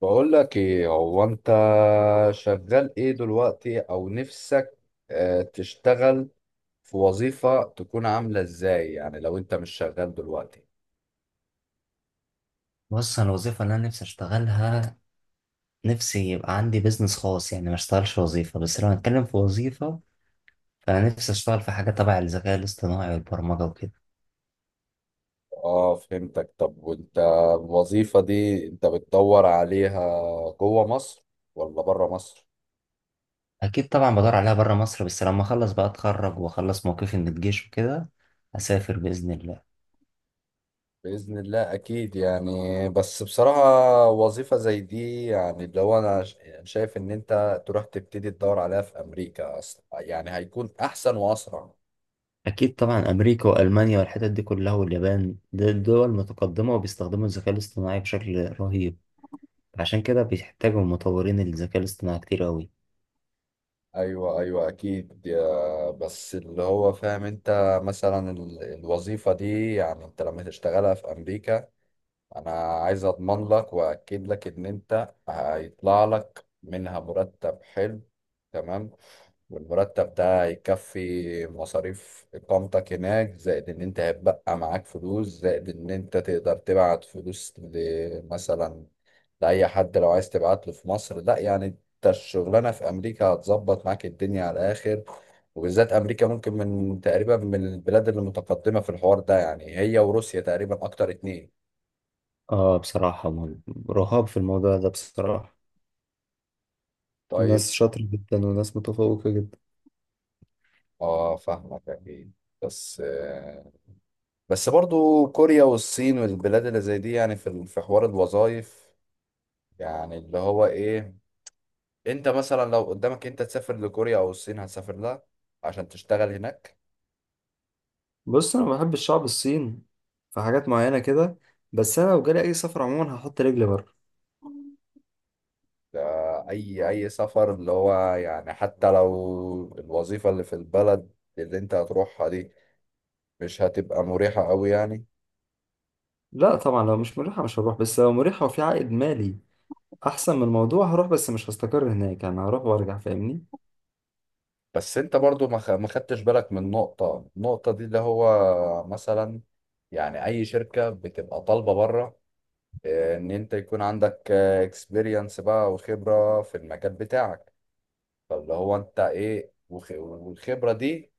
بقول لك ايه هو انت شغال ايه دلوقتي او نفسك؟ تشتغل في وظيفة تكون عاملة ازاي؟ يعني لو انت مش شغال دلوقتي. بص، انا الوظيفه اللي انا نفسي اشتغلها، نفسي يبقى عندي بيزنس خاص. يعني ما اشتغلش وظيفه، بس لو هنتكلم في وظيفه فانا نفسي اشتغل في حاجه تبع الذكاء الاصطناعي والبرمجه وكده. اه فهمتك. طب وانت الوظيفة دي انت بتدور عليها جوه مصر ولا بره مصر؟ اكيد طبعا بدور عليها بره مصر، بس لما اخلص بقى اتخرج واخلص موقفي من الجيش وكده اسافر باذن الله. بإذن الله أكيد، يعني بس بصراحة وظيفة زي دي، يعني لو أنا يعني شايف إن أنت تروح تبتدي تدور عليها في أمريكا أصلا، يعني هيكون أحسن وأسرع. اكيد طبعا امريكا والمانيا والحتت دي كلها واليابان دي دول متقدمه وبيستخدموا الذكاء الاصطناعي بشكل رهيب، عشان كده بيحتاجوا مطورين الذكاء الاصطناعي كتير قوي. ايوه ايوه اكيد، بس اللي هو فاهم، انت مثلا الوظيفه دي يعني انت لما تشتغلها في امريكا، انا عايز اضمن لك واكد لك ان انت هيطلع لك منها مرتب حلو، تمام؟ والمرتب ده هيكفي مصاريف اقامتك هناك، زائد ان انت هيبقى معاك فلوس، زائد ان انت تقدر تبعت فلوس مثلا لاي حد لو عايز تبعت له في مصر. لا يعني انت الشغلانه في امريكا هتظبط معاك الدنيا على الاخر، وبالذات امريكا ممكن من تقريبا من البلاد اللي متقدمه في الحوار ده، يعني هي وروسيا تقريبا اكتر اتنين. اه بصراحه، رهاب في الموضوع ده بصراحه. طيب. ناس شاطرة جدا وناس متفوقة جدا. اه فاهمك اكيد. بس آه، بس برضو كوريا والصين والبلاد اللي زي دي يعني في في حوار الوظائف، يعني اللي هو ايه، انت مثلا لو قدامك انت تسافر لكوريا او الصين هتسافر لها عشان تشتغل هناك؟ بص، انا بحب الشعب الصين في حاجات معينه كده، بس انا لو جالي اي سفر عموما هحط رجلي بره. ده اي سفر اللي هو يعني، حتى لو الوظيفة اللي في البلد اللي انت هتروحها دي مش هتبقى مريحة قوي يعني. لا طبعا، لو مش مريحه مش هروح، بس لو مريحه وفي عائد مالي احسن من الموضوع هروح، بس مش هستقر هناك، يعني هروح وارجع فاهمني. بس انت برضو ما خدتش بالك من نقطة، النقطة دي اللي هو مثلا يعني اي شركة بتبقى طالبة بره، اه، ان انت يكون عندك اكسبيرينس بقى وخبرة في المجال بتاعك. فاللي هو انت ايه، والخبرة دي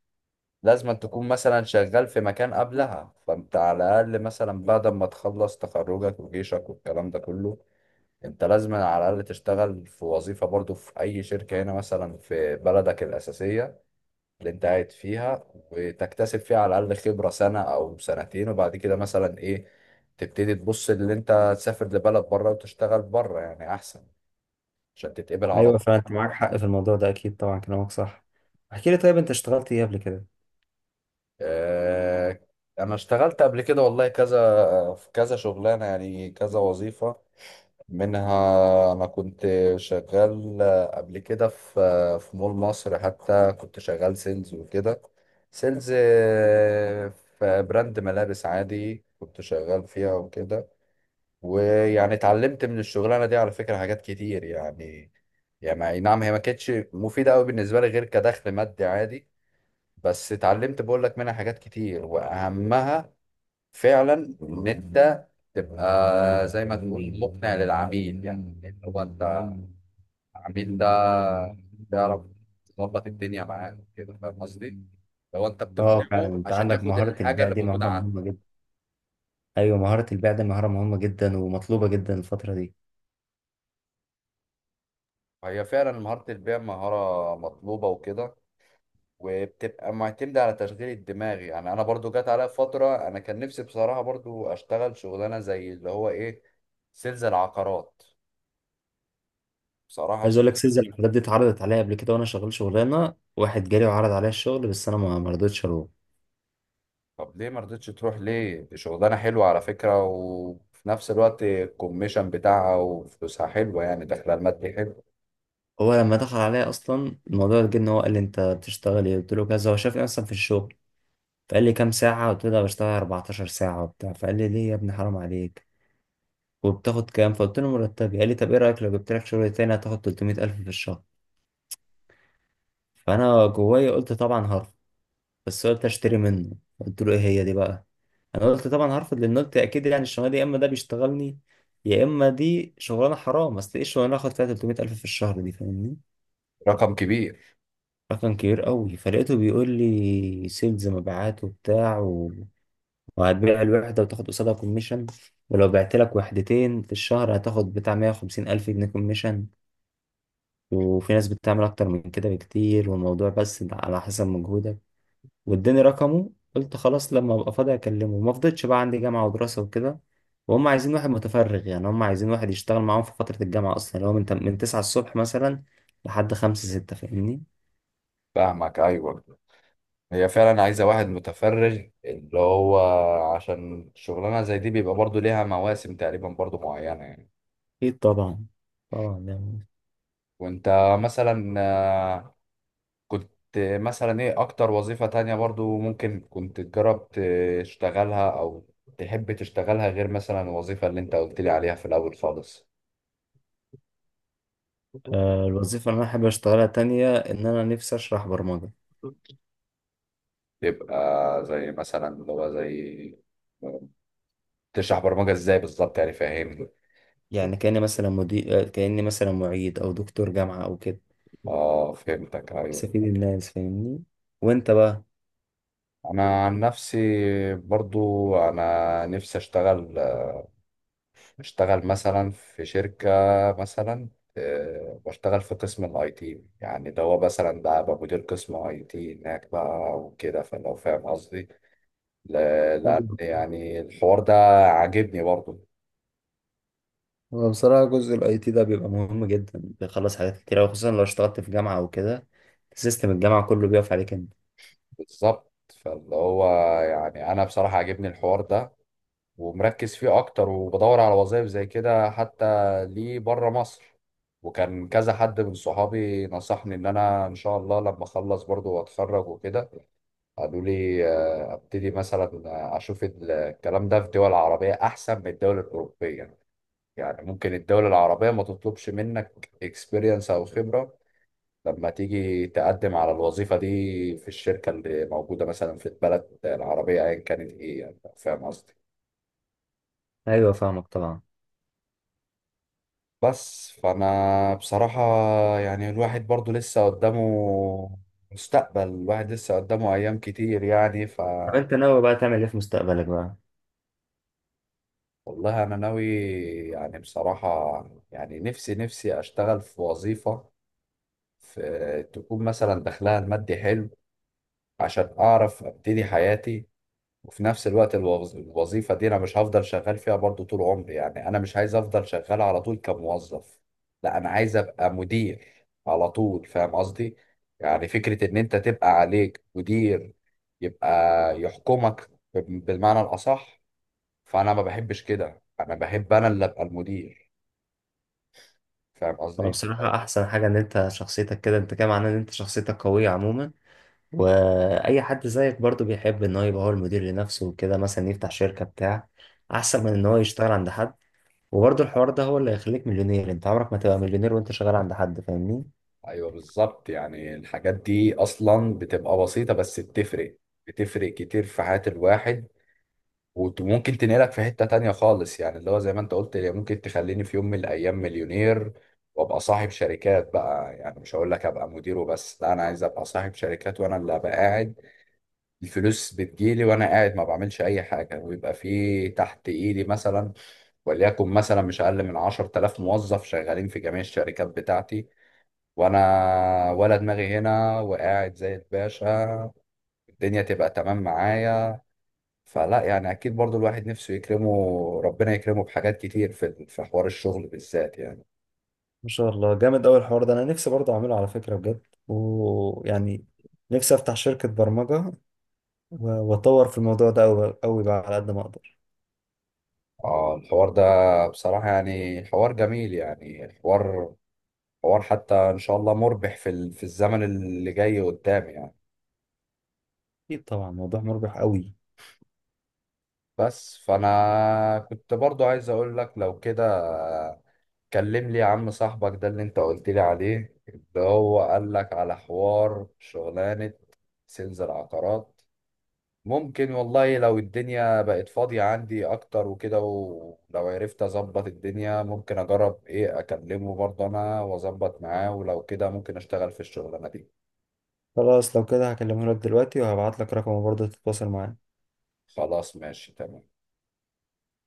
لازم أن تكون مثلا شغال في مكان قبلها، فانت على الاقل مثلا بعد ما تخلص تخرجك وجيشك والكلام ده كله، انت لازم على الاقل تشتغل في وظيفة برضو في اي شركة هنا مثلا في بلدك الاساسية اللي انت قاعد فيها، وتكتسب فيها على الأقل خبرة سنة أو سنتين، وبعد كده مثلا إيه تبتدي تبص اللي انت تسافر لبلد بره وتشتغل بره، يعني أحسن عشان تتقبل على ايوه طول. فعلا انت معاك حق في الموضوع ده، اكيد طبعا كلامك صح. احكي لي طيب، انت اشتغلت ايه قبل كده؟ آه، أنا اشتغلت قبل كده والله كذا، في كذا شغلانة، يعني كذا وظيفة. منها أنا كنت شغال قبل كده في مول مصر، حتى كنت شغال سيلز وكده. سيلز في براند ملابس عادي كنت شغال فيها وكده. ويعني اتعلمت من الشغلانة دي على فكرة حاجات كتير يعني. يعني أي نعم هي ما كانتش مفيدة أوي بالنسبة لي غير كدخل مادي عادي، بس اتعلمت بقول لك منها حاجات كتير، وأهمها فعلا ان انت تبقى زي ما تقول مقنع للعميل، يعني ان هو انت العميل ده تعرف تظبط الدنيا معاه كده. فاهم قصدي؟ لو انت اه فعلا بتقنعه انت عشان عندك ياخد مهارة الحاجه البيع اللي دي، موجوده مهارة عنده. مهمة جدا. ايوه مهارة البيع دي مهارة مهمة جدا ومطلوبة جدا الفترة دي. هي فعلا مهاره البيع مهاره مطلوبه وكده، وبتبقى معتمده على تشغيل الدماغ. يعني انا برضو جت عليا فتره، انا كان نفسي بصراحه برضو اشتغل شغلانه زي اللي هو ايه، سيلز العقارات، بصراحه. عايز اقول لك، سيلز الحاجات دي اتعرضت عليا قبل كده وانا شغال شغلانه. واحد جالي وعرض عليا الشغل بس انا ما رضيتش اروح. طب ليه ما رضيتش تروح؟ ليه؟ شغلانة حلوة على فكرة، وفي نفس الوقت الكوميشن بتاعها وفلوسها حلوة، يعني دخل المادي حلو. هو لما دخل عليا اصلا الموضوع، جه ان هو قال لي انت بتشتغل ايه، قلت له كذا. هو شافني اصلا في الشغل، فقال لي كام ساعه، قلت له ده بشتغل 14 ساعه وبتاع. فقال لي ليه يا ابني حرام عليك، وبتاخد كام؟ فقلت له مرتبي. قال لي طب ايه رايك لو جبت لك شغل تاني هتاخد 300,000 في الشهر. فانا جوايا قلت طبعا هرفض، بس قلت اشتري منه. قلت له ايه هي دي بقى؟ انا قلت طبعا هرفض، لان قلت اكيد يعني الشغلانه دي يا اما ده بيشتغلني، يا اما دي شغلانه حرام. اصل ايه الشغلانه اخد فيها 300 الف في الشهر دي فاهمني؟ رقم كبير. رقم كبير قوي. فلقيته بيقول لي سيلز مبيعات وبتاع وهتبيع الوحده وتاخد قصادها كوميشن، ولو بعت لك وحدتين في الشهر هتاخد بتاع 150 الف جنيه كوميشن، وفي ناس بتعمل اكتر من كده بكتير، والموضوع بس على حسب مجهودك. واداني رقمه، قلت خلاص لما ابقى فاضي اكلمه. ما فضلتش بقى، عندي جامعه ودراسه وكده، وهم عايزين واحد متفرغ. يعني هم عايزين واحد يشتغل معاهم في فتره الجامعه اصلا، اللي هو من من 9 الصبح مثلا لحد 5 6 فاهمني. فاهمك، أيوة. هي فعلا عايزة واحد متفرغ، اللي هو عشان شغلانة زي دي بيبقى برضو ليها مواسم تقريبا برضو معينة يعني. اكيد طبعا. طبعا يعني. وانت مثلا آه، كنت مثلا ايه أكتر وظيفة تانية برضو ممكن كنت تجرب تشتغلها، أو تحب تشتغلها، غير مثلا الوظيفة اللي انت قلت لي عليها في الأول خالص؟ آه، الوظيفه اللي انا حابب اشتغلها تانية ان انا نفسي اشرح برمجه. يبقى زي مثلا اللي هو زي تشرح برمجة ازاي بالظبط؟ يعني فاهمني. يعني كاني مثلا مدير، كاني مثلا معيد او دكتور جامعه او كده، اه فهمتك، ايوه. بستفيد الناس فاهمني. وانت بقى؟ انا عن نفسي برضو انا نفسي اشتغل، اشتغل مثلا في شركة مثلا، واشتغل في قسم الاي تي. يعني ده هو مثلا ده ابقى مدير قسم اي تي هناك بقى وكده، فلو فاهم قصدي؟ ل- لان يعني الحوار ده عاجبني برضو. هو بصراحة جزء الاي تي ده بيبقى مهم جدا، بيخلص حاجات كتير أوي، خصوصا لو اشتغلت في جامعة او كده سيستم الجامعة كله بيقف عليك انت. بالظبط. فاللي هو يعني انا بصراحة عاجبني الحوار ده ومركز فيه اكتر، وبدور على وظائف زي كده حتى ليه بره مصر. وكان كذا حد من صحابي نصحني ان انا ان شاء الله لما اخلص برضو واتخرج وكده، قالوا لي ابتدي مثلا اشوف الكلام ده في الدول العربية احسن من الدول الاوروبية. يعني ممكن الدول العربية ما تطلبش منك اكسبيرينس او خبرة لما تيجي تقدم على الوظيفة دي في الشركة اللي موجودة مثلا في البلد العربية ايا كانت، ايه يعني فاهم قصدي؟ ايوه فاهمك طبعا. بس فانا بصراحة يعني الواحد برضو لسه قدامه، مستقبل الواحد لسه قدامه ايام كتير يعني ف. طب انت ناوي بقى تعمل ايه في مستقبلك بقى؟ والله انا ناوي، يعني بصراحة، يعني نفسي نفسي اشتغل في وظيفة في تكون مثلا دخلها المادي حلو عشان اعرف ابتدي حياتي. وفي نفس الوقت الوظيفة دي أنا مش هفضل شغال فيها برضو طول عمري، يعني أنا مش عايز أفضل شغال على طول كموظف. لا أنا عايز أبقى مدير على طول. فاهم قصدي؟ يعني فكرة إن أنت تبقى عليك مدير يبقى يحكمك، بالمعنى الأصح، فأنا ما بحبش كده، أنا بحب أنا اللي أبقى المدير. فاهم هو قصدي؟ بصراحة احسن حاجة ان انت شخصيتك كده، انت كده معناه ان انت شخصيتك قوية عموما. واي حد زيك برضو بيحب ان هو يبقى هو المدير لنفسه وكده، مثلا يفتح شركة بتاع، احسن من ان هو يشتغل عند حد. وبرضه الحوار ده هو اللي هيخليك مليونير، انت عمرك ما تبقى مليونير وانت شغال عند حد فاهمني. أيوه بالظبط، يعني الحاجات دي أصلا بتبقى بسيطة بس بتفرق، بتفرق كتير في حياة الواحد، وممكن تنقلك في حتة تانية خالص. يعني اللي هو زي ما انت قلت، اللي ممكن تخليني في يوم من الأيام مليونير، وابقى صاحب شركات بقى. يعني مش هقول لك ابقى مدير وبس، لا انا عايز ابقى صاحب شركات وانا اللي ابقى قاعد الفلوس بتجيلي، وانا قاعد ما بعملش اي حاجة، ويبقى في تحت ايدي مثلا وليكن مثلا مش اقل من 10000 موظف شغالين في جميع الشركات بتاعتي، وانا ولا دماغي هنا وقاعد زي الباشا، الدنيا تبقى تمام معايا. فلا يعني اكيد برضو الواحد نفسه يكرمه، ربنا يكرمه بحاجات كتير في حوار الشغل بالذات يعني. ما شاء الله، جامد أوي الحوار ده، أنا نفسي برضه أعمله على فكرة بجد. ويعني نفسي أفتح شركة برمجة، وأطور في الموضوع ده أوي أوي بقى على قد ما أقدر. اه الحوار ده بصراحة يعني حوار جميل، يعني حوار حتى ان شاء الله مربح في في الزمن اللي جاي قدام يعني. أكيد طبعا، موضوع مربح أوي. بس فانا كنت برضو عايز اقول لك لو كده، كلم لي يا عم صاحبك ده اللي انت قلت لي عليه، اللي هو قال لك على حوار شغلانة سيلز العقارات. ممكن والله لو الدنيا بقت فاضية عندي أكتر وكده، ولو عرفت أظبط الدنيا ممكن أجرب إيه أكلمه برضه أنا وأظبط معاه، ولو كده ممكن أشتغل في الشغلانة دي. خلاص لو كده هكلمه لك دلوقتي، وهبعت لك رقمه برضه تتواصل معاه. خلاص ماشي تمام.